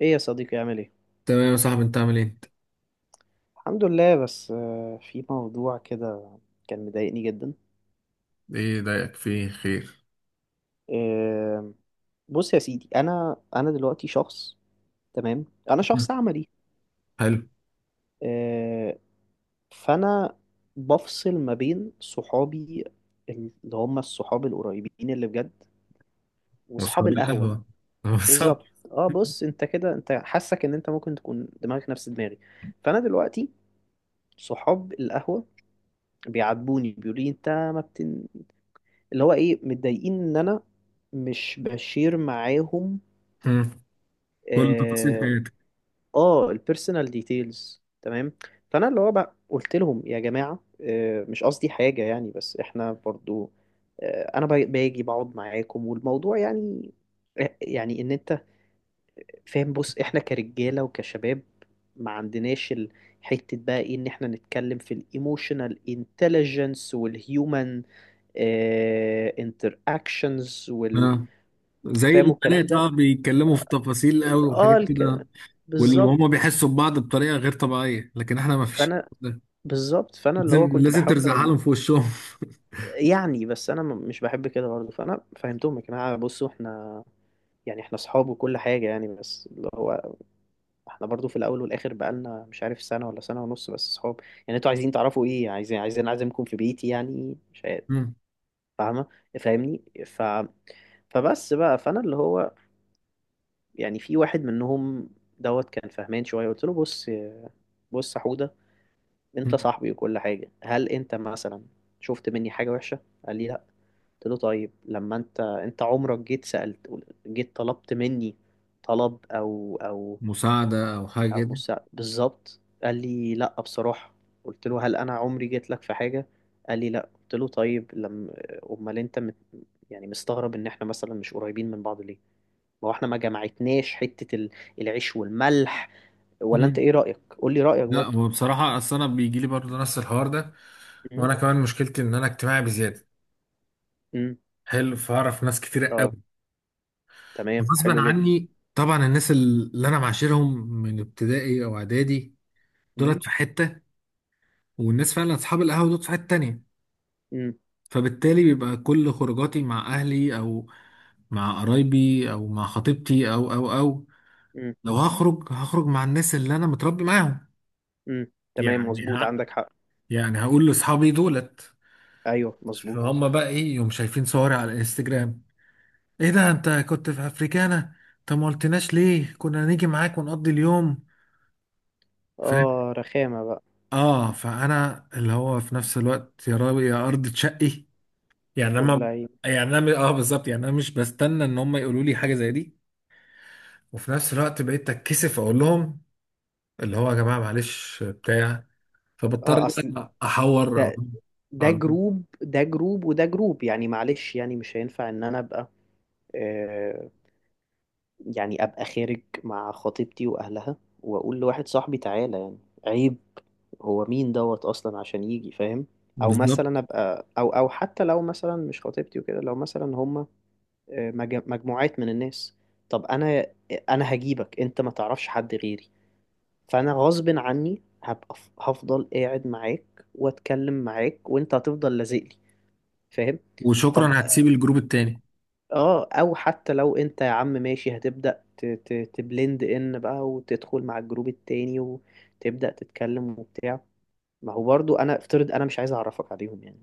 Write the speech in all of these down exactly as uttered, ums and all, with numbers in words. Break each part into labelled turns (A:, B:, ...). A: ايه يا صديقي، عامل ايه؟
B: تمام يا صاحبي، انت عامل ايه انت؟
A: الحمد لله. بس آه، في موضوع كده كان مضايقني جدا.
B: ايه ضايقك؟ فيه خير؟
A: آه، بص يا سيدي، انا انا دلوقتي شخص. تمام، انا
B: مم.
A: شخص عملي.
B: حلو.
A: آه، فانا بفصل ما بين صحابي، اللي هم الصحاب القريبين اللي بجد، وصحاب
B: واصحاب
A: القهوة.
B: القهوة بالظبط.
A: بالظبط. اه، بص، انت كده انت حاسك ان انت ممكن تكون دماغك نفس دماغي. فانا دلوقتي صحاب القهوة بيعاتبوني، بيقولوا لي انت ما بتن... اللي هو ايه، متضايقين ان انا مش بشير معاهم.
B: مم. كل تفاصيل
A: اه,
B: حياتك.
A: آه البيرسونال ديتيلز، تمام. فانا اللي هو بقى قلت لهم يا جماعه، آه مش قصدي حاجه يعني، بس احنا برضو، آه انا باجي باجي بقعد معاكم، والموضوع يعني، آه، يعني ان انت فاهم. بص، احنا كرجاله وكشباب، ما عندناش ال- حته بقى، ايه ان احنا نتكلم في الايموشنال انتليجنس والهيومن انتر اكشنز.
B: اه، زي
A: فاهموا الكلام
B: البنات
A: ده؟
B: اه بيتكلموا في تفاصيل قوي
A: اه
B: وحاجات كده.
A: الك...
B: واللي
A: بالظبط.
B: هم بيحسوا ببعض بطريقة غير طبيعية، لكن احنا ما فيش
A: فانا
B: ده.
A: بالظبط فانا اللي هو
B: لازم
A: كنت
B: لازم
A: بحاول
B: ترزعها
A: اقول
B: لهم في وشهم.
A: يعني. بس انا م- مش بحب كده برضه. فانا فهمتهم، يا جماعه بصوا، احنا يعني احنا اصحاب وكل حاجه يعني، بس اللي هو احنا برضه في الاول والاخر بقالنا مش عارف سنه ولا سنه ونص، بس اصحاب يعني. انتوا عايزين تعرفوا ايه؟ عايزين عايزين اعزمكم في بيتي يعني؟ مش عارف.
B: مم.
A: فاهمه؟ فاهمني؟ ف فبس بقى، فانا اللي هو يعني في واحد منهم دوت كان فهمان شويه. قلت له بص، بص يا حوده، انت
B: مم.
A: صاحبي وكل حاجة. هل انت مثلا شفت مني حاجة وحشة؟ قال لي لا. قلت له طيب، لما انت انت عمرك جيت سألت، جيت طلبت مني طلب، او او
B: مساعدة او حاجة
A: او
B: كده.
A: مساعدة؟ بالظبط. قال لي لا بصراحة. قلت له هل انا عمري جيت لك في حاجة؟ قال لي لا. قلت له طيب لما، امال انت مت... يعني مستغرب ان احنا مثلا مش قريبين من بعض ليه؟ ما هو احنا ما جمعتناش حتة ال- العيش والملح. ولا انت
B: مم.
A: ايه رأيك؟ قول لي رأيك
B: لا،
A: برضه.
B: هو بصراحة أصل أنا بيجي لي برضه نفس الحوار ده.
A: امم
B: وأنا كمان مشكلتي إن أنا اجتماعي بزيادة.
A: امم
B: حلو، فأعرف ناس كتير
A: اه، تمام،
B: غصبا
A: حلو جدا.
B: عني. طبعا الناس اللي انا معاشرهم من ابتدائي او اعدادي
A: امم
B: دولت في حته، والناس فعلا اصحاب القهوه دول في حته تانية.
A: امم
B: فبالتالي بيبقى كل خروجاتي مع اهلي او مع قرايبي او مع خطيبتي او او او.
A: امم
B: لو هخرج هخرج مع الناس اللي انا متربي معاهم.
A: امم تمام،
B: يعني
A: مظبوط،
B: ه...
A: عندك حق.
B: يعني هقول لاصحابي دولت:
A: ايوه، مظبوط.
B: فهم بقى ايه، يوم شايفين صوري على الانستجرام: ايه ده، انت كنت في افريكانا؟ طب ما قلتناش ليه، كنا نيجي معاك ونقضي اليوم.
A: اه، رخامه بقى.
B: اه، فانا اللي هو في نفس الوقت يا رب يا ارض تشقي. يعني انا
A: وبلاي.
B: يعني انا اه بالظبط، يعني انا مش بستنى ان هم يقولوا لي حاجه زي دي. وفي نفس الوقت بقيت اتكسف اقول لهم اللي هو يا جماعه، معلش بتاع. فبضطر إن
A: اه، اصل
B: أنا احور او
A: ده ده
B: أو-
A: جروب، ده جروب، وده جروب، يعني معلش، يعني مش هينفع ان انا ابقى، آه يعني ابقى خارج مع خطيبتي واهلها واقول لواحد صاحبي تعالى؟ يعني عيب. هو مين دوت اصلا عشان يجي فاهم؟ او
B: بالظبط.
A: مثلا ابقى، او او حتى لو مثلا مش خطيبتي وكده، لو مثلا هما مج- مجموعات من الناس. طب انا انا هجيبك انت ما تعرفش حد غيري. فانا غصب عني هبقى ف- هفضل قاعد معاك واتكلم معاك، وانت هتفضل لازق لي، فاهم؟ طب،
B: وشكرا، هتسيب الجروب التاني.
A: اه، او حتى لو انت يا عم ماشي، هتبدأ ت- ت- تبلند ان بقى، وتدخل مع الجروب التاني وتبدأ تتكلم وبتاع. ما هو برضو انا افترض انا مش عايز اعرفك عليهم يعني.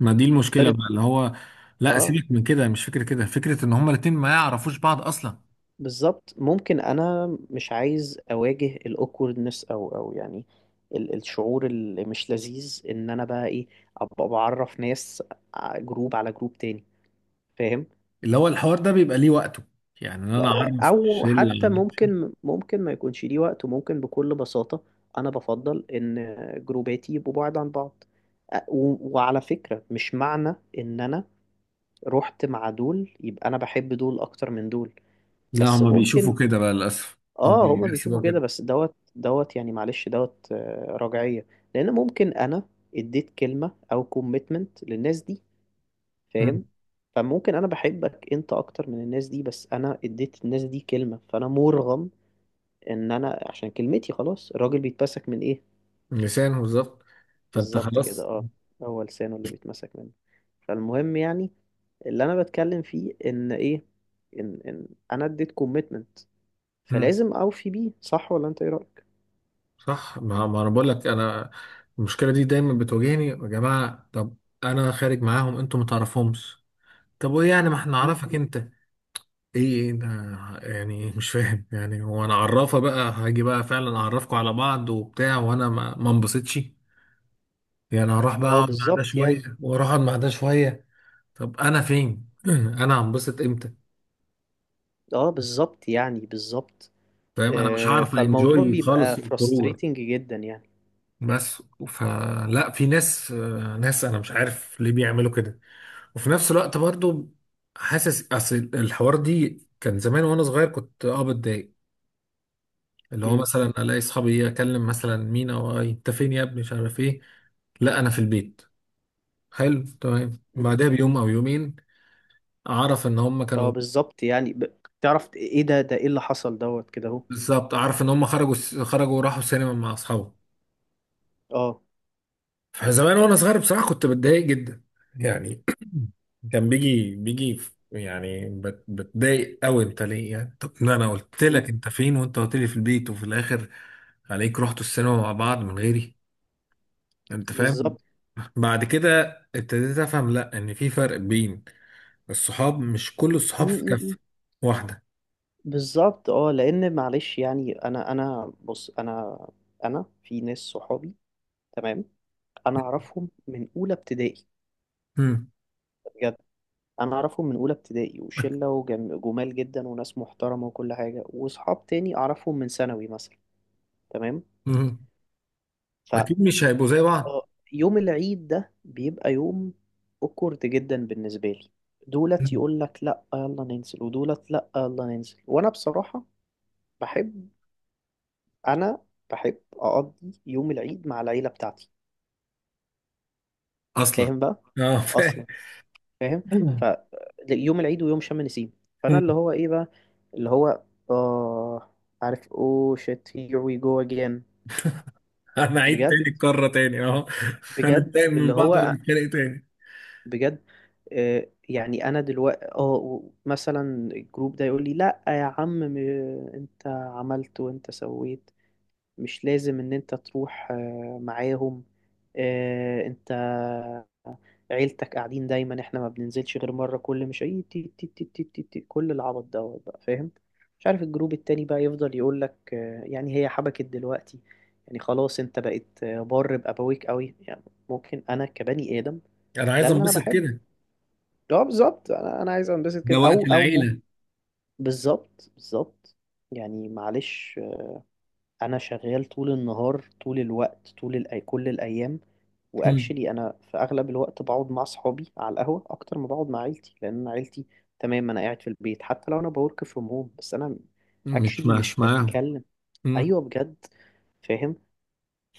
B: ما دي المشكله
A: افترض.
B: بقى اللي هو. لا،
A: اه،
B: سيبك من كده، مش فكره كده، فكره ان هم الاتنين ما يعرفوش بعض اصلا.
A: بالظبط. ممكن انا مش عايز اواجه الاوكوردنس، او او يعني ال- الشعور اللي مش لذيذ، ان انا بقى ايه، ابقى بعرف ناس ع- جروب على جروب تاني، فاهم؟
B: اللي هو الحوار ده بيبقى ليه وقته، يعني إن انا
A: لا،
B: اعرف
A: او
B: الشله.
A: حتى ممكن ممكن ما يكونش ليه وقت، وممكن بكل بساطة انا بفضل ان جروباتي يبقوا بعاد عن بعض. أ- و- وعلى فكرة، مش معنى ان انا رحت مع دول يبقى انا بحب دول اكتر من دول.
B: لا،
A: بس
B: هما بيشوفوا
A: ممكن،
B: كده بقى للأسف. هما
A: اه، هما بيشوفوا
B: بيحسبوها
A: كده.
B: كده.
A: بس دوت دوت يعني معلش، دوت، آه، رجعية. لان ممكن انا اديت كلمة او كوميتمنت للناس دي، فاهم؟
B: مم.
A: فممكن انا بحبك انت اكتر من الناس دي، بس انا اديت الناس دي كلمة، فانا مرغم، ان انا عشان كلمتي. خلاص، الراجل بيتمسك من ايه؟
B: لسانه بالظبط. فأنت
A: بالظبط كده،
B: خلاص.
A: اه. هو لسانه اللي بيتمسك منه. فالمهم يعني، اللي انا بتكلم فيه ان ايه، ان ان انا اديت كوميتمنت،
B: مم.
A: فلازم اوفي بيه. صح ولا انت ايه رأيك؟
B: صح. ما, ما أنا بقول لك أنا المشكلة دي دايما بتواجهني. يا جماعة، طب أنا خارج معاهم أنتوا ما تعرفهمش. طب وإيه يعني، ما إحنا نعرفك أنت. إيه، أنا يعني مش فاهم، يعني هو أنا عرافة بقى هاجي بقى فعلا أعرفكم على بعض وبتاع، وأنا ما ما انبسطش. يعني هروح بقى
A: اه،
B: أقعد مع ده
A: بالظبط يعني.
B: شوية، وأروح أقعد مع ده شوية. طب أنا فين؟ أنا هنبسط إمتى؟
A: اه بالظبط يعني بالظبط.
B: فاهم، انا مش
A: آه،
B: هعرف
A: فالموضوع
B: انجوي
A: بيبقى
B: خالص الخروجه.
A: frustrating جدا يعني.
B: بس فلا، في ناس، آه، ناس انا مش عارف ليه بيعملوا كده. وفي نفس الوقت برضو حاسس، اصل الحوار دي كان زمان وانا صغير كنت اه بتضايق. اللي هو
A: امم
B: مثلا الاقي اصحابي اكلم مثلا مينا: وانت فين يا ابني، مش عارف ايه. لا، انا في البيت. حلو تمام. بعدها بيوم او يومين اعرف ان هم
A: اه،
B: كانوا.
A: بالظبط يعني، ب... تعرف ايه، ده ده ايه اللي حصل دوت كده، اهو.
B: بالظبط، اعرف ان هم خرجوا خرجوا وراحوا سينما مع اصحابهم.
A: اه.
B: فزمان وانا صغير بصراحه كنت بتضايق جدا. يعني كان بيجي بيجي في- يعني بت- بتضايق قوي. انت ليه يعني، طب إن انا قلت
A: مم.
B: لك انت فين، وانت قلت لي في البيت، وفي الاخر عليك رحتوا السينما مع بعض من غيري. انت فاهم؟
A: بالظبط.
B: بعد كده ابتديت افهم لا، ان في فرق بين الصحاب. مش كل
A: مم،
B: الصحاب في
A: مم، مم.
B: كفه واحده.
A: بالظبط، اه. لان معلش يعني، انا انا بص، انا انا في ناس صحابي، تمام، انا اعرفهم من اولى ابتدائي.
B: مم.
A: بجد، انا اعرفهم من اولى ابتدائي، وشله وجم- جمال جدا، وناس محترمه وكل حاجه. واصحاب تاني اعرفهم من ثانوي مثلا، تمام.
B: مم.
A: ف
B: اكيد مش هيبقوا زي بعض.
A: آه، يوم العيد ده بيبقى يوم اوكورد جدا بالنسبه لي. دولت
B: مم.
A: يقول لك لا، يلا ننزل، ودولت لا، يلا ننزل. وانا بصراحه بحب، انا بحب اقضي يوم العيد مع العيله بتاعتي،
B: اصلا.
A: فاهم بقى؟
B: اه، فاهم.
A: اصلا، فاهم؟ ف يوم العيد، ويوم شم النسيم، فانا اللي هو ايه بقى، اللي هو، اه، عارف، اوه شيت، هير وي جو اجين.
B: انا عيد
A: بجد.
B: تاني، الكرة تاني اهو.
A: بجد،
B: هنتضايق من
A: اللي
B: بعض
A: هو،
B: ونتخانق تاني.
A: بجد. آه، يعني انا دلوقتي اه مثلا، الجروب ده يقول لي، لا يا عم، م- انت عملت وانت سويت، مش لازم ان انت تروح آه، معاهم. آه، انت عيلتك قاعدين دايما، احنا ما بننزلش غير مرة كل، مش اي تي تي تي تي تي تي، كل العبط دوت بقى، فاهم؟ مش عارف الجروب التاني بقى يفضل يقول لك، آه، يعني هي حبكت دلوقتي، يعني خلاص انت بقيت آه، بار بأبويك قوي يعني. ممكن انا، كبني آدم،
B: انا
A: ده
B: عايز
A: اللي انا
B: انبسط
A: بحبه.
B: كده.
A: اه، بالظبط. انا انا عايز انبسط
B: ده
A: كده،
B: وقت
A: او او م...
B: العيلة.
A: بالظبط، بالظبط. يعني معلش، انا شغال طول النهار، طول الوقت، طول الأي... كل الايام.
B: مم.
A: واكشلي انا في اغلب الوقت بقعد مع اصحابي على القهوه اكتر ما بقعد مع عيلتي، لان أنا عيلتي، تمام، انا قاعد في البيت حتى لو انا بورك فروم هوم. بس انا
B: مش
A: اكشلي مش
B: مش معاهم.
A: بتكلم.
B: مم.
A: ايوه، بجد، فاهم؟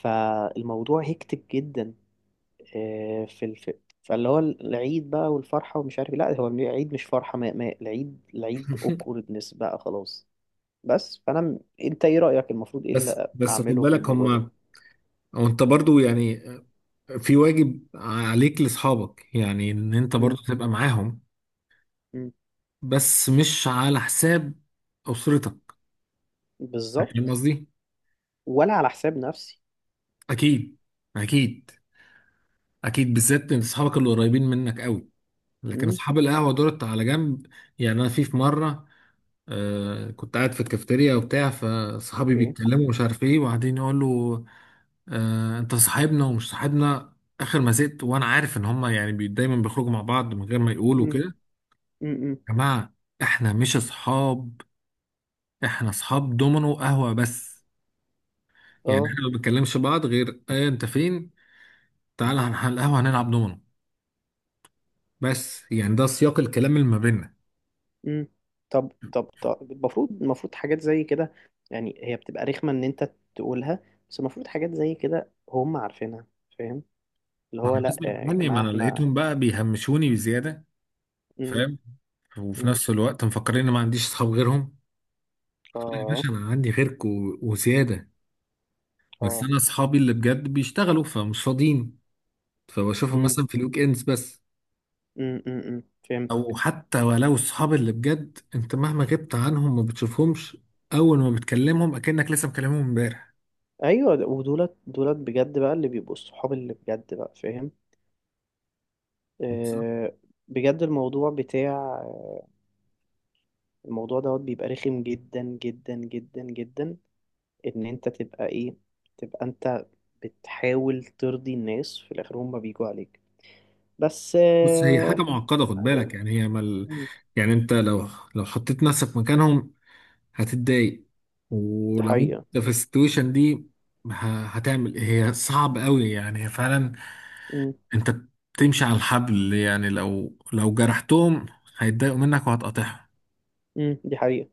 A: فالموضوع هيكتك جدا. آه، في الف... فاللي هو العيد بقى والفرحة ومش عارف إيه. لا، هو العيد مش فرحة. ما... ما... العيد العيد awkwardness بقى، خلاص. بس فأنا م- أنت إيه رأيك، المفروض إيه
B: بس
A: اللي
B: بس خد
A: أعمله في
B: بالك
A: الموضوع ده؟
B: هم، وانت برضو يعني في واجب عليك لاصحابك، يعني ان انت
A: مم.
B: برضو تبقى معاهم.
A: مم.
B: بس مش على حساب اسرتك. فاهم
A: بالظبط.
B: قصدي؟
A: ولا على حساب نفسي.
B: اكيد، اكيد، اكيد. بالذات ان اصحابك اللي قريبين منك قوي. لكن
A: مم.
B: اصحاب القهوه دولت على جنب. يعني انا في في مره، آه كنت قاعد في الكافتيريا وبتاع. فصحابي
A: أوكي.
B: بيتكلموا ومش عارف ايه، وبعدين يقول له: آه، انت صاحبنا ومش صاحبنا. اخر ما زهقت وانا عارف ان هما يعني بي دايما بيخرجوا مع بعض من غير ما يقولوا
A: مم.
B: كده.
A: مم. مم.
B: يا جماعه، احنا مش اصحاب، احنا اصحاب دومينو قهوه بس. يعني
A: أه.
B: احنا ما بنتكلمش بعض غير: ايه انت فين، تعالى هنروح على القهوه هنلعب دومينو. بس يعني ده سياق الكلام اللي ما بيننا.
A: مم. طب، طب، طب، المفروض المفروض حاجات زي كده، يعني هي بتبقى رخمة إن أنت تقولها، بس المفروض حاجات زي كده هم عارفينها، فاهم؟ اللي
B: مع
A: هو لا
B: الناس من
A: يا
B: عني، ما
A: جماعة،
B: انا
A: إحنا.
B: لقيتهم بقى بيهمشوني بزياده.
A: مم.
B: فاهم؟ وفي
A: مم.
B: نفس الوقت مفكرين ان ما عنديش اصحاب غيرهم. يا
A: اه.
B: باشا، انا عندي غيرك و- وزياده. بس
A: اه.
B: انا اصحابي اللي بجد بيشتغلوا، فمش فاضيين. فبشوفهم
A: امم
B: مثلا في الويك اندز بس.
A: امم امم،
B: او
A: فهمتك.
B: حتى ولو الصحاب اللي بجد، انت مهما غبت عنهم ما بتشوفهمش. اول ما بتكلمهم اكنك لسه مكلمهم امبارح.
A: ايوه، ودولت، دولت بجد بقى، اللي بيبقوا الصحاب اللي بجد بقى، فاهم؟ آه، بجد. الموضوع بتاع الموضوع دوت بيبقى رخم، جدا جدا جدا جدا، ان انت تبقى ايه، تبقى انت بتحاول ترضي الناس، في الاخر هم بيجوا عليك. بس
B: بص، هي
A: آه،
B: حاجه معقده، خد بالك.
A: بعدين.
B: يعني هي مل...
A: مم.
B: يعني انت لو لو حطيت نفسك مكانهم هتتضايق.
A: دي
B: ولو
A: حقيقة.
B: انت في السيتويشن دي ه- هتعمل إيه؟ هي صعب قوي، يعني هي فعلا
A: مم.
B: انت تمشي على الحبل. يعني لو لو جرحتهم هيتضايقوا منك وهتقاطعهم.
A: مم. دي حقيقة.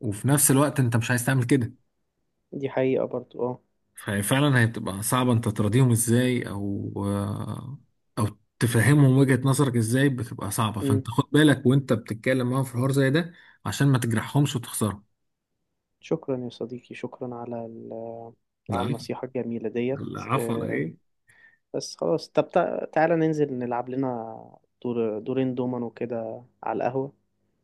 B: وفي نفس الوقت انت مش عايز تعمل كده.
A: دي حقيقة برضو، اه.
B: ففعلا هي بتبقى صعبة. انت تراضيهم ازاي، او او تفهمهم وجهة نظرك ازاي؟ بتبقى صعبة.
A: مم.
B: فانت خد بالك وانت بتتكلم معاهم في حوار زي ده عشان ما تجرحهمش وتخسرهم.
A: شكرا يا صديقي، شكرا على ال... على
B: العفو.
A: النصيحة الجميلة ديت.
B: العفو على
A: آه،
B: ايه.
A: بس خلاص، طب تع- تعالى ننزل نلعب لنا دور، دورين دومينو كده على القهوة.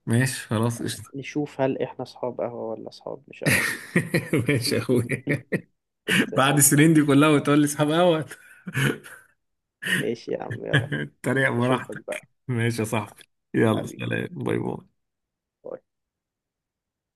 B: ماشي خلاص، قشطة.
A: نشوف هل احنا اصحاب قهوة ولا اصحاب مش قهوة.
B: ماشي يا اخويا.
A: قشطة يا
B: بعد
A: صديقي،
B: السنين دي
A: قشطة.
B: كلها وتقول لي اصحاب قهوة.
A: ايش يا عم، يلا.
B: تريق
A: اشوفك بقى،
B: براحتك، ماشي يا صاحبي. يلا،
A: حبيبي.
B: سلام، باي باي.
A: باي.